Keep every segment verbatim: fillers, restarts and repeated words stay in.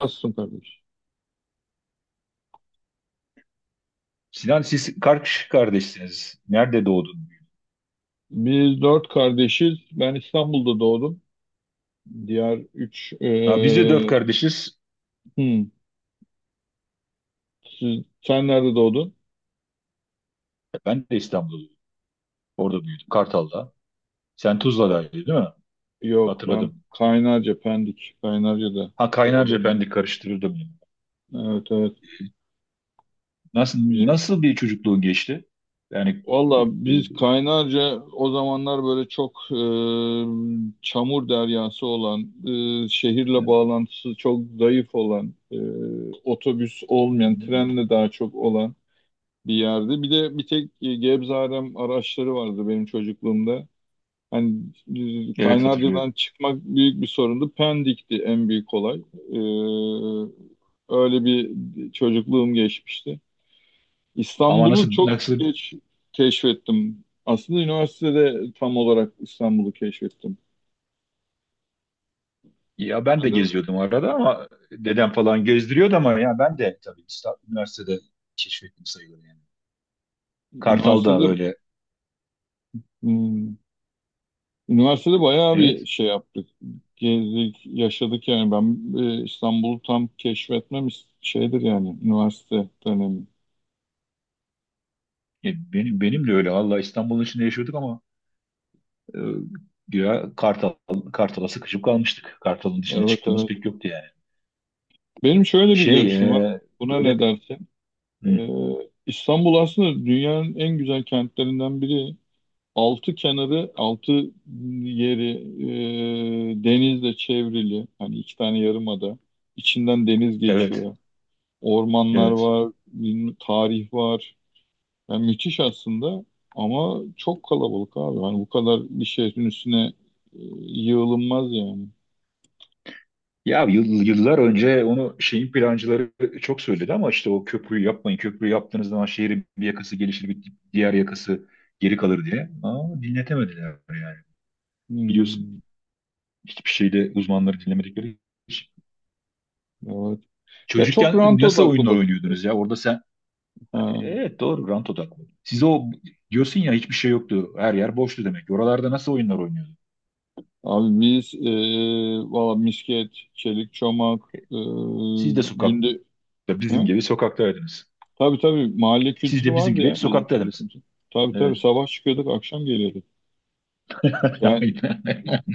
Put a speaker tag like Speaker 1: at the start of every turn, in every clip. Speaker 1: Nasılsın kardeş?
Speaker 2: Sinan siz kaç kardeşsiniz? Nerede doğdun?
Speaker 1: Biz dört kardeşiz. Ben İstanbul'da doğdum. Diğer üç...
Speaker 2: Ya biz de dört
Speaker 1: eee,
Speaker 2: kardeşiz.
Speaker 1: hmm, siz- sen nerede doğdun?
Speaker 2: Ben de İstanbul'da doğdum. Orada büyüdüm. Kartal'da. Sen
Speaker 1: Ben de-
Speaker 2: Tuzla'daydın değil mi?
Speaker 1: Yok ben
Speaker 2: Hatırladım.
Speaker 1: Kaynarca, Pendik. Kaynarca'da
Speaker 2: Ha Kaynarca
Speaker 1: doğdum.
Speaker 2: Pendik karıştırırdım. yani.
Speaker 1: Evet, evet.
Speaker 2: Nasıl
Speaker 1: Bizim,
Speaker 2: nasıl bir çocukluğun geçti? Yani
Speaker 1: valla
Speaker 2: e,
Speaker 1: biz Kaynarca o zamanlar böyle çok eee, çamur deryası olan, eee, şehirle
Speaker 2: e,
Speaker 1: bağlantısı çok zayıf olan, eee, otobüs olmayan, trenle daha çok olan bir yerde. Bir de bir tek e, Gebze-Arem araçları vardı benim çocukluğumda. Hani e,
Speaker 2: evet hatırlıyorum.
Speaker 1: Kaynarca'dan çıkmak büyük bir sorundu. Pendik'ti en büyük olay. Ee, öyle bir çocukluğum geçmişti.
Speaker 2: Ama
Speaker 1: İstanbul'u
Speaker 2: nasıl
Speaker 1: çok
Speaker 2: nasıl
Speaker 1: geç keşfettim. Aslında üniversitede tam olarak İstanbul'u keşfettim.
Speaker 2: ya ben de
Speaker 1: Ben de
Speaker 2: geziyordum arada ama dedem falan gezdiriyordu ama ya ben de tabii İstanbul, üniversitede keşfettim sayılır yani. Kartal'da
Speaker 1: üniversitede.
Speaker 2: böyle.
Speaker 1: hmm, Üniversitede bayağı bir
Speaker 2: Evet.
Speaker 1: şey yaptık. Gezdik, yaşadık yani. Ben e, İstanbul'u tam keşfetmem is- şeydir yani üniversite dönemi.
Speaker 2: Ya benim benim de öyle. Allah İstanbul'un içinde yaşıyorduk ama e, ya Kartal Kartal'a sıkışıp kalmıştık. Kartal'ın dışına
Speaker 1: Evet,
Speaker 2: çıktığımız
Speaker 1: evet.
Speaker 2: pek yoktu yani.
Speaker 1: Benim şöyle bir
Speaker 2: Şey
Speaker 1: görüşüm var.
Speaker 2: e,
Speaker 1: Buna ne
Speaker 2: böyle
Speaker 1: dersin?
Speaker 2: hı,
Speaker 1: Ee, İstanbul aslında dünyanın en güzel kentlerinden biri. Altı kenarı, altı yeri e, denizle çevrili. Hani iki tane yarımada. İçinden deniz
Speaker 2: evet
Speaker 1: geçiyor. Ormanlar
Speaker 2: evet.
Speaker 1: var, bilmem- tarih var. Yani müthiş aslında ama çok kalabalık abi. Hani bu kadar bir şehrin üstüne e, yığılınmaz yani.
Speaker 2: Ya yıl- yıllar önce onu şeyin plancıları çok söyledi ama işte o köprüyü yapmayın. Köprüyü yaptığınız zaman şehrin bir yakası gelişir, bir diğer yakası geri kalır diye. Ama dinletemediler yani. Biliyorsun
Speaker 1: Hmm,
Speaker 2: hiçbir şeyde uzmanları dinlemedikleri için.
Speaker 1: evet. Ya çok
Speaker 2: Çocukken
Speaker 1: rant
Speaker 2: nasıl
Speaker 1: odaklı
Speaker 2: oyunlar
Speaker 1: bak.
Speaker 2: oynuyordunuz ya? Orada sen
Speaker 1: Ha.
Speaker 2: evet doğru rant odaklı. Siz o diyorsun ya hiçbir şey yoktu. Her yer boştu demek. Oralarda nasıl oyunlar oynuyordu?
Speaker 1: Abi biz e, valla misket, çelik çomak, e,
Speaker 2: Siz de sokakta
Speaker 1: günde...
Speaker 2: bizim
Speaker 1: Ha?
Speaker 2: gibi sokaktaydınız.
Speaker 1: Tabii, tabii, mahalle
Speaker 2: Siz
Speaker 1: kültürü
Speaker 2: de bizim
Speaker 1: vardı
Speaker 2: gibi
Speaker 1: ya
Speaker 2: hep
Speaker 1: bizim
Speaker 2: sokaktaydınız.
Speaker 1: çocukluğumuzda. Tabii, tabii,
Speaker 2: Evet.
Speaker 1: sabah çıkıyorduk akşam geliyorduk. Yani
Speaker 2: Aynen.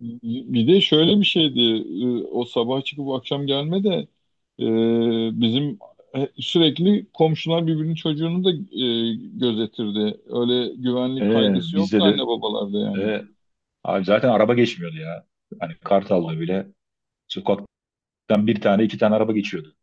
Speaker 1: bir de şöyle bir şeydi. e, O sabah çıkıp akşam gelme de e, bizim e, sürekli komşular birbirinin çocuğunu da e, gözetirdi. Öyle güvenlik
Speaker 2: Ee,
Speaker 1: kaygısı yoktu
Speaker 2: bizde de
Speaker 1: anne babalarda yani.
Speaker 2: e, abi zaten araba geçmiyordu ya. Hani Kartal'da bile sokaktan bir tane iki tane araba geçiyordu.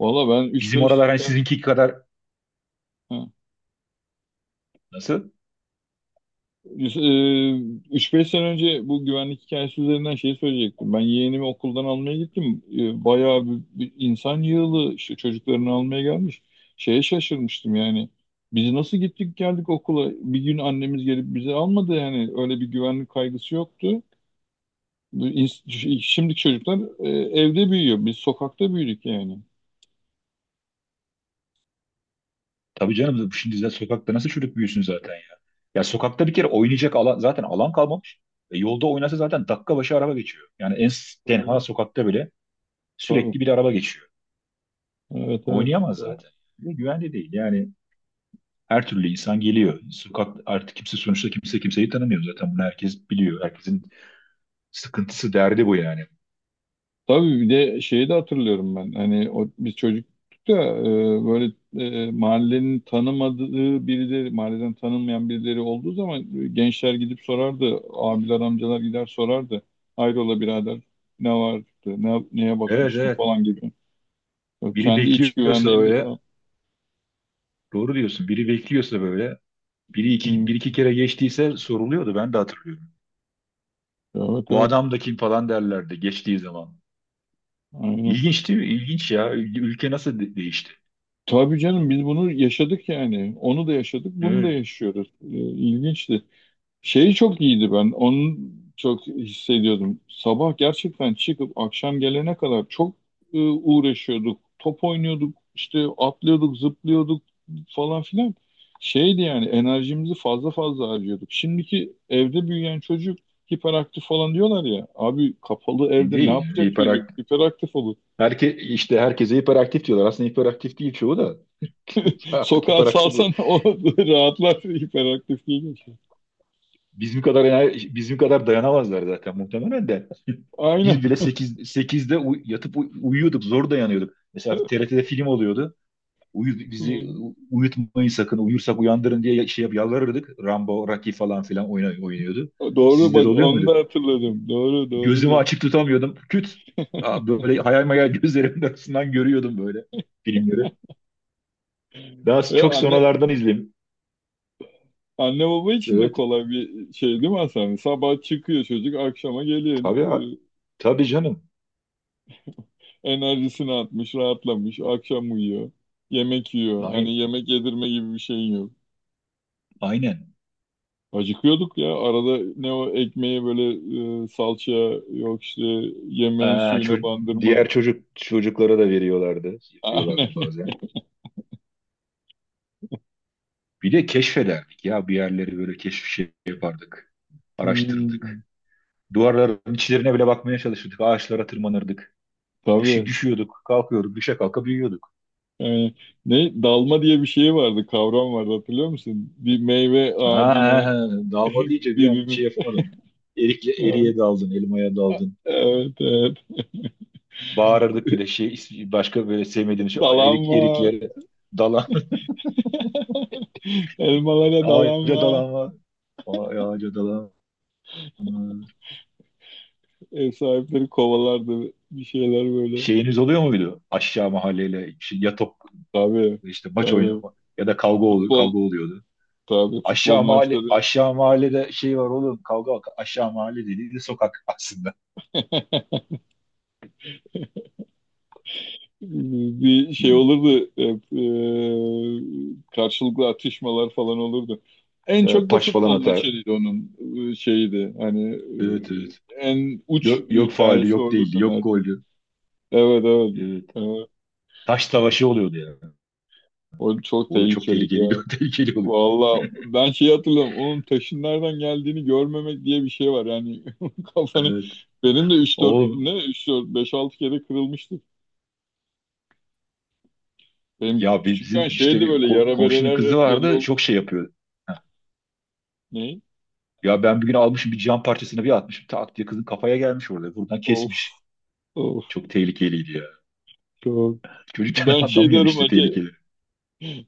Speaker 1: Valla ben üç
Speaker 2: Bizim oralar
Speaker 1: beş
Speaker 2: hani sizinki kadar
Speaker 1: sen
Speaker 2: nasıl?
Speaker 1: üç beş sene önce bu güvenlik hikayesi üzerinden şey söyleyecektim. Ben yeğenimi okuldan almaya gittim. Ee, Bayağı bir, bir insan yığılı işte çocuklarını almaya gelmiş. Şeye şaşırmıştım yani. Biz nasıl gittik geldik okula? Bir gün annemiz gelip bizi almadı yani. Öyle bir güvenlik kaygısı yoktu. Bu ins- Şimdiki çocuklar e, evde büyüyor. Biz sokakta büyüdük yani.
Speaker 2: Tabii canım şimdi zaten sokakta nasıl çocuk büyüsün zaten ya. Ya sokakta bir kere oynayacak alan zaten alan kalmamış. E, yolda oynasa zaten dakika başı araba geçiyor. Yani en s- tenha
Speaker 1: Tabii.
Speaker 2: sokakta bile
Speaker 1: Tabii.
Speaker 2: sürekli bir araba geçiyor.
Speaker 1: Evet, evet.
Speaker 2: Oynayamaz zaten. Ve güvende değil. Yani her türlü insan geliyor. Sokak artık kimse sonuçta kimse kimseyi tanımıyor zaten. Bunu herkes biliyor. Herkesin sıkıntısı, derdi bu yani.
Speaker 1: Tabii bir de şeyi de hatırlıyorum ben. Hani o, biz çocuktuk da e, böyle e, mahallenin tanımadığı birileri, mahalleden tanınmayan birileri olduğu zaman e, gençler gidip sorardı. Abiler, amcalar gider sorardı. Hayrola birader ne vardı, ne, neye
Speaker 2: Evet
Speaker 1: bakmıştın
Speaker 2: evet.
Speaker 1: falan gibi. Ya
Speaker 2: Biri
Speaker 1: kendi iç
Speaker 2: bekliyorsa
Speaker 1: güvenliğini de
Speaker 2: böyle
Speaker 1: sağ.
Speaker 2: doğru diyorsun. Biri bekliyorsa böyle biri iki,
Speaker 1: Hı.
Speaker 2: bir iki kere geçtiyse soruluyordu. Ben de hatırlıyorum.
Speaker 1: Evet,
Speaker 2: Bu
Speaker 1: evet.
Speaker 2: adam da kim falan derlerdi geçtiği zaman.
Speaker 1: Aynen.
Speaker 2: İlginç değil mi? İlginç ya. Ül- Ülke nasıl de- değişti?
Speaker 1: Tabii canım biz bunu yaşadık yani. Onu da yaşadık, bunu
Speaker 2: Evet.
Speaker 1: da yaşıyoruz. E, İlginçti. Şeyi çok iyiydi ben. Onu çok hissediyordum. Sabah gerçekten çıkıp akşam gelene kadar çok e, uğraşıyorduk. Top oynuyorduk, işte atlıyorduk, zıplıyorduk falan filan. Şeydi yani enerjimizi fazla fazla harcıyorduk. Şimdiki evde büyüyen çocuk hiperaktif falan diyorlar ya. Abi kapalı evde ne
Speaker 2: Değil.
Speaker 1: yapacak çocuk?
Speaker 2: Hiperaktif.
Speaker 1: Hiperaktif olur.
Speaker 2: Herke, işte herkese hiperaktif diyorlar. Aslında hiperaktif değil çoğu da. Artık
Speaker 1: Sokağa
Speaker 2: hiperaktif. Bu.
Speaker 1: salsan o rahatlar hiperaktif değil.
Speaker 2: Bizim kadar ener, bizim kadar dayanamazlar zaten muhtemelen de.
Speaker 1: Aynen.
Speaker 2: Biz bile sekiz sekizde uy- yatıp uy- uyuyorduk. Zor dayanıyorduk. Mesela T R T'de film oluyordu. Uyu, bizi u- uyutmayın sakın. Uyursak uyandırın diye şey yap, yalvarırdık. Rambo, Rocky falan filan oyna- oynuyordu.
Speaker 1: Doğru
Speaker 2: Sizde de
Speaker 1: bak
Speaker 2: oluyor
Speaker 1: onu
Speaker 2: muydu?
Speaker 1: da hatırladım. Doğru, doğru
Speaker 2: Gözümü
Speaker 1: diyor.
Speaker 2: açık tutamıyordum. Küt. Aa, böyle hayal mayal gözlerimin arasından görüyordum böyle filmleri. Daha
Speaker 1: Ya
Speaker 2: çok
Speaker 1: anne
Speaker 2: sonralardan izledim.
Speaker 1: anne baba için de
Speaker 2: Evet.
Speaker 1: kolay bir şey değil mi Hasan? Sabah çıkıyor çocuk, akşama geliyor.
Speaker 2: Tabii, a-
Speaker 1: Ee,
Speaker 2: tabii canım.
Speaker 1: Enerjisini atmış, rahatlamış, akşam uyuyor. Yemek yiyor.
Speaker 2: Ay-
Speaker 1: Hani yemek yedirme gibi bir şey yok.
Speaker 2: Aynen.
Speaker 1: Acıkıyorduk ya. Arada ne o ekmeği böyle e, salçaya yok işte yemeğin
Speaker 2: Aa,
Speaker 1: suyuna
Speaker 2: ço-
Speaker 1: bandırma.
Speaker 2: diğer çocuk çocuklara da veriyorlardı. Yapıyorlardı
Speaker 1: Aynen.
Speaker 2: bazen. Bir de keşfederdik ya bir yerleri böyle keşif şey yapardık.
Speaker 1: Hmm,
Speaker 2: Araştırırdık. Duvarların içlerine bile bakmaya çalışırdık. Ağaçlara tırmanırdık. Düş-
Speaker 1: tabii.
Speaker 2: düşüyorduk, kalkıyorduk, düşe kalka büyüyorduk.
Speaker 1: Yani ne dalma diye bir şey vardı, kavram vardı hatırlıyor musun? Bir meyve
Speaker 2: Ha,
Speaker 1: ağacına
Speaker 2: he, he. Dalma deyince bir an
Speaker 1: birini.
Speaker 2: şey yapamadım. Erikle
Speaker 1: Evet,
Speaker 2: eriye daldın, elmaya daldın.
Speaker 1: evet, evet.
Speaker 2: Bağırırdık bile şey ismi- başka böyle sevmediğim şey ay,
Speaker 1: Dalan
Speaker 2: erik,
Speaker 1: var.
Speaker 2: eriklere dalan
Speaker 1: Elmalara dalan
Speaker 2: ağaca
Speaker 1: var.
Speaker 2: dalan var. Ay, ağaca dalan var.
Speaker 1: Ev sahipleri kovalardı. Bir şeyler böyle.
Speaker 2: Şeyiniz oluyor muydu? Aşağı mahalleyle şey, ya top
Speaker 1: Tabii.
Speaker 2: işte maç
Speaker 1: Tabii.
Speaker 2: oynama ya da kavga oluyor,
Speaker 1: Futbol.
Speaker 2: kavga oluyordu.
Speaker 1: Tabii futbol
Speaker 2: Aşağı mahalle
Speaker 1: maçları.
Speaker 2: aşağı mahallede şey var oğlum kavga bak aşağı mahalle dediği de sokak aslında.
Speaker 1: Bir şey olurdu. Hep, e, karşılıklı atışmalar falan olurdu. En çok
Speaker 2: Evet,
Speaker 1: da
Speaker 2: taş falan
Speaker 1: futbol
Speaker 2: atar.
Speaker 1: maçıydı onun e, şeydi. Hani
Speaker 2: Evet evet.
Speaker 1: e, en uç
Speaker 2: Yok, yok faali,
Speaker 1: hikayesi
Speaker 2: yok
Speaker 1: orada
Speaker 2: değildi, yok
Speaker 1: dönerdi.
Speaker 2: goldü.
Speaker 1: Evet, evet.
Speaker 2: Evet.
Speaker 1: Evet.
Speaker 2: Taş savaşı oluyordu yani.
Speaker 1: O çok
Speaker 2: O çok
Speaker 1: tehlikeliydi
Speaker 2: tehlikeli,
Speaker 1: ya.
Speaker 2: tehlikeli oluyor.
Speaker 1: Valla ben şeyi hatırlıyorum. Onun taşın nereden geldiğini görmemek diye bir şey var. Yani kafanı
Speaker 2: Evet.
Speaker 1: benim de üç dört
Speaker 2: Oğlum
Speaker 1: ne üç dört beş altı kere kırılmıştı. Benim
Speaker 2: ya
Speaker 1: küçükken
Speaker 2: bizim işte
Speaker 1: şeydi
Speaker 2: bir
Speaker 1: böyle
Speaker 2: ko-
Speaker 1: yara
Speaker 2: komşunun
Speaker 1: bereler
Speaker 2: kızı
Speaker 1: hep belli
Speaker 2: vardı
Speaker 1: olur.
Speaker 2: çok şey yapıyordu. Heh.
Speaker 1: Ne?
Speaker 2: Ya ben bir gün almışım bir cam parçasını bir atmışım tak diye kızın kafaya gelmiş orada. Buradan
Speaker 1: Of,
Speaker 2: kesmiş.
Speaker 1: of,
Speaker 2: Çok tehlikeliydi ya.
Speaker 1: çok.
Speaker 2: Çocukken
Speaker 1: Ben şey
Speaker 2: anlamıyorsun
Speaker 1: diyorum
Speaker 2: işte
Speaker 1: hacı
Speaker 2: tehlikeli.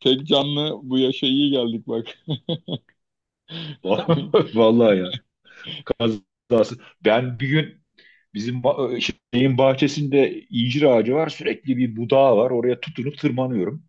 Speaker 1: tek canlı bu yaşa iyi geldik bak. Hani,
Speaker 2: Vallahi ya. Biraz ben bir gün bizim ba- şeyin bahçesinde incir ağacı var. Sürekli bir budağı var. Oraya tutunup tırmanıyorum.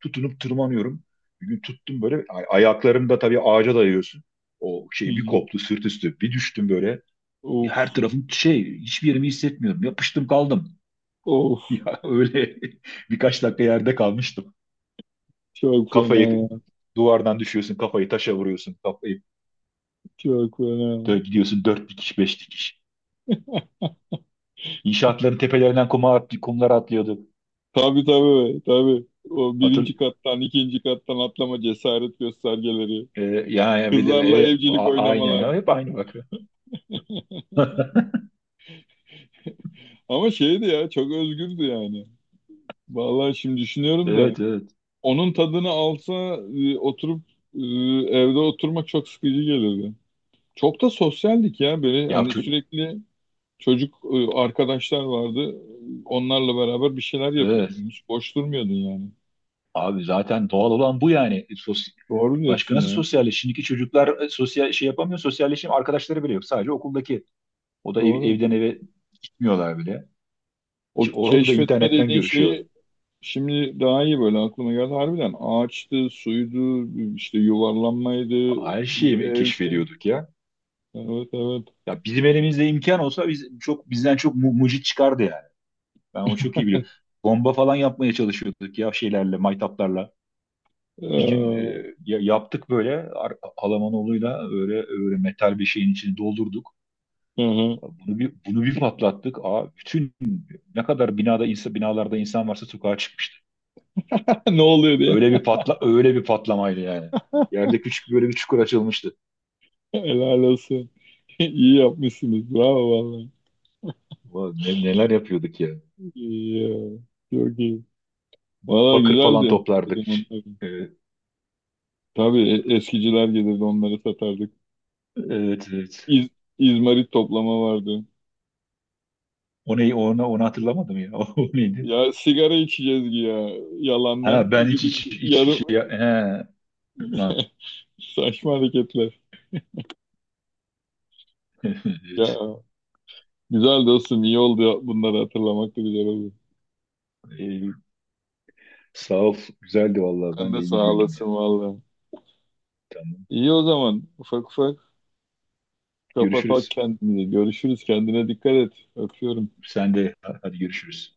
Speaker 2: Tutunup tırmanıyorum. Bir gün tuttum böyle. Ay- Ayaklarımı da tabii ağaca dayıyorsun. O
Speaker 1: hı
Speaker 2: şey bir
Speaker 1: hı.
Speaker 2: koptu sırt üstü. Bir düştüm böyle.
Speaker 1: Of,
Speaker 2: Her tarafım şey hiçbir yerimi hissetmiyorum. Yapıştım kaldım.
Speaker 1: of,
Speaker 2: Ya öyle birkaç dakika yerde kalmıştım.
Speaker 1: çok fena
Speaker 2: Kafayı
Speaker 1: ya.
Speaker 2: duvardan düşüyorsun. Kafayı taşa vuruyorsun. Kafayı
Speaker 1: Çok fena.
Speaker 2: dö- gidiyorsun dört dikiş beş dikiş. İnşaatların tepelerinden kuma at, kumlar atlıyordu.
Speaker 1: Tabii, tabii, tabii. O birinci
Speaker 2: Hatır,
Speaker 1: kattan ikinci kattan atlama cesaret göstergeleri.
Speaker 2: e, yani bir de
Speaker 1: Kızlarla
Speaker 2: evet,
Speaker 1: evcilik
Speaker 2: a- aynen
Speaker 1: oynamalar.
Speaker 2: ya hep aynı bak.
Speaker 1: Ama şeydi ya çok özgürdü yani. Vallahi şimdi düşünüyorum da
Speaker 2: Evet evet.
Speaker 1: onun tadını alsa e, oturup e, evde oturmak çok sıkıcı gelirdi. Çok da sosyaldik ya böyle
Speaker 2: Ya
Speaker 1: hani
Speaker 2: ço-
Speaker 1: sürekli çocuk e, arkadaşlar vardı. Onlarla beraber bir şeyler yapıyordun.
Speaker 2: evet.
Speaker 1: Hiç boş durmuyordun yani.
Speaker 2: Abi zaten doğal olan bu yani. E, Sos
Speaker 1: Doğru diyorsun
Speaker 2: Başka nasıl
Speaker 1: ya.
Speaker 2: sosyalleş? Şimdiki çocuklar e, sosyal şey yapamıyor. Sosyalleşim arkadaşları bile yok. Sadece okuldaki. O da ev-
Speaker 1: Doğru.
Speaker 2: evden eve gitmiyorlar bile.
Speaker 1: O
Speaker 2: Ki onu da
Speaker 1: keşfetme
Speaker 2: internetten
Speaker 1: dediğin
Speaker 2: görüşüyor.
Speaker 1: şeyi. Şimdi daha iyi böyle aklıma geldi. Harbiden ağaçtı, suydu, işte yuvarlanmaydı,
Speaker 2: Her şeyi mi
Speaker 1: evdi.
Speaker 2: keşfediyorduk ya.
Speaker 1: Evet, evet.
Speaker 2: Ya bizim elimizde imkan olsa biz çok bizden çok mu- mucit çıkardı yani. Ben onu çok iyi biliyorum. Bomba falan yapmaya çalışıyorduk ya şeylerle, maytaplarla. Bir gün
Speaker 1: Ee,
Speaker 2: e, ya- yaptık böyle Ar- Alamanoğlu'yla böyle, öyle metal bir şeyin içini doldurduk.
Speaker 1: hı hı.
Speaker 2: Bunu bir, bunu bir patlattık. Aa, bütün ne kadar binada insan, binalarda insan varsa sokağa çıkmıştı.
Speaker 1: Ne oluyor diye.
Speaker 2: Öyle bir patla öyle bir patlamaydı yani. Yerde küçük böyle bir çukur açılmıştı.
Speaker 1: Helal olsun. İyi yapmışsınız. Bravo vallahi.
Speaker 2: Ulan ne- neler yapıyorduk ya.
Speaker 1: İyi ya. Çok iyi. Valla
Speaker 2: Bakır falan
Speaker 1: güzeldi. O
Speaker 2: toplardık.
Speaker 1: zaman
Speaker 2: Ç-
Speaker 1: tabii.
Speaker 2: e,
Speaker 1: Tabii e- eskiciler gelirdi onları satardık.
Speaker 2: Evet, evet.
Speaker 1: İz, izmarit toplama vardı.
Speaker 2: O neyi, onu, onu hatırlamadım ya. O neydi?
Speaker 1: Ya sigara içeceğiz ki ya
Speaker 2: Ha
Speaker 1: yalandan.
Speaker 2: ben hiç
Speaker 1: Gidip
Speaker 2: hiç hiç
Speaker 1: yarım
Speaker 2: şey he. Ha,
Speaker 1: saçma hareketler. Ya
Speaker 2: evet.
Speaker 1: güzel dostum iyi oldu ya, bunları hatırlamak da güzel oldu.
Speaker 2: Ee, sağ ol. Güzeldi vallahi.
Speaker 1: Sen
Speaker 2: Ben de
Speaker 1: de
Speaker 2: iyi
Speaker 1: sağ
Speaker 2: güldüm
Speaker 1: olasın
Speaker 2: yani.
Speaker 1: valla.
Speaker 2: Tamam.
Speaker 1: İyi o zaman ufak ufak kapatalım
Speaker 2: Görüşürüz.
Speaker 1: kendimizi. Görüşürüz kendine dikkat et. Öpüyorum.
Speaker 2: Sen de hadi görüşürüz.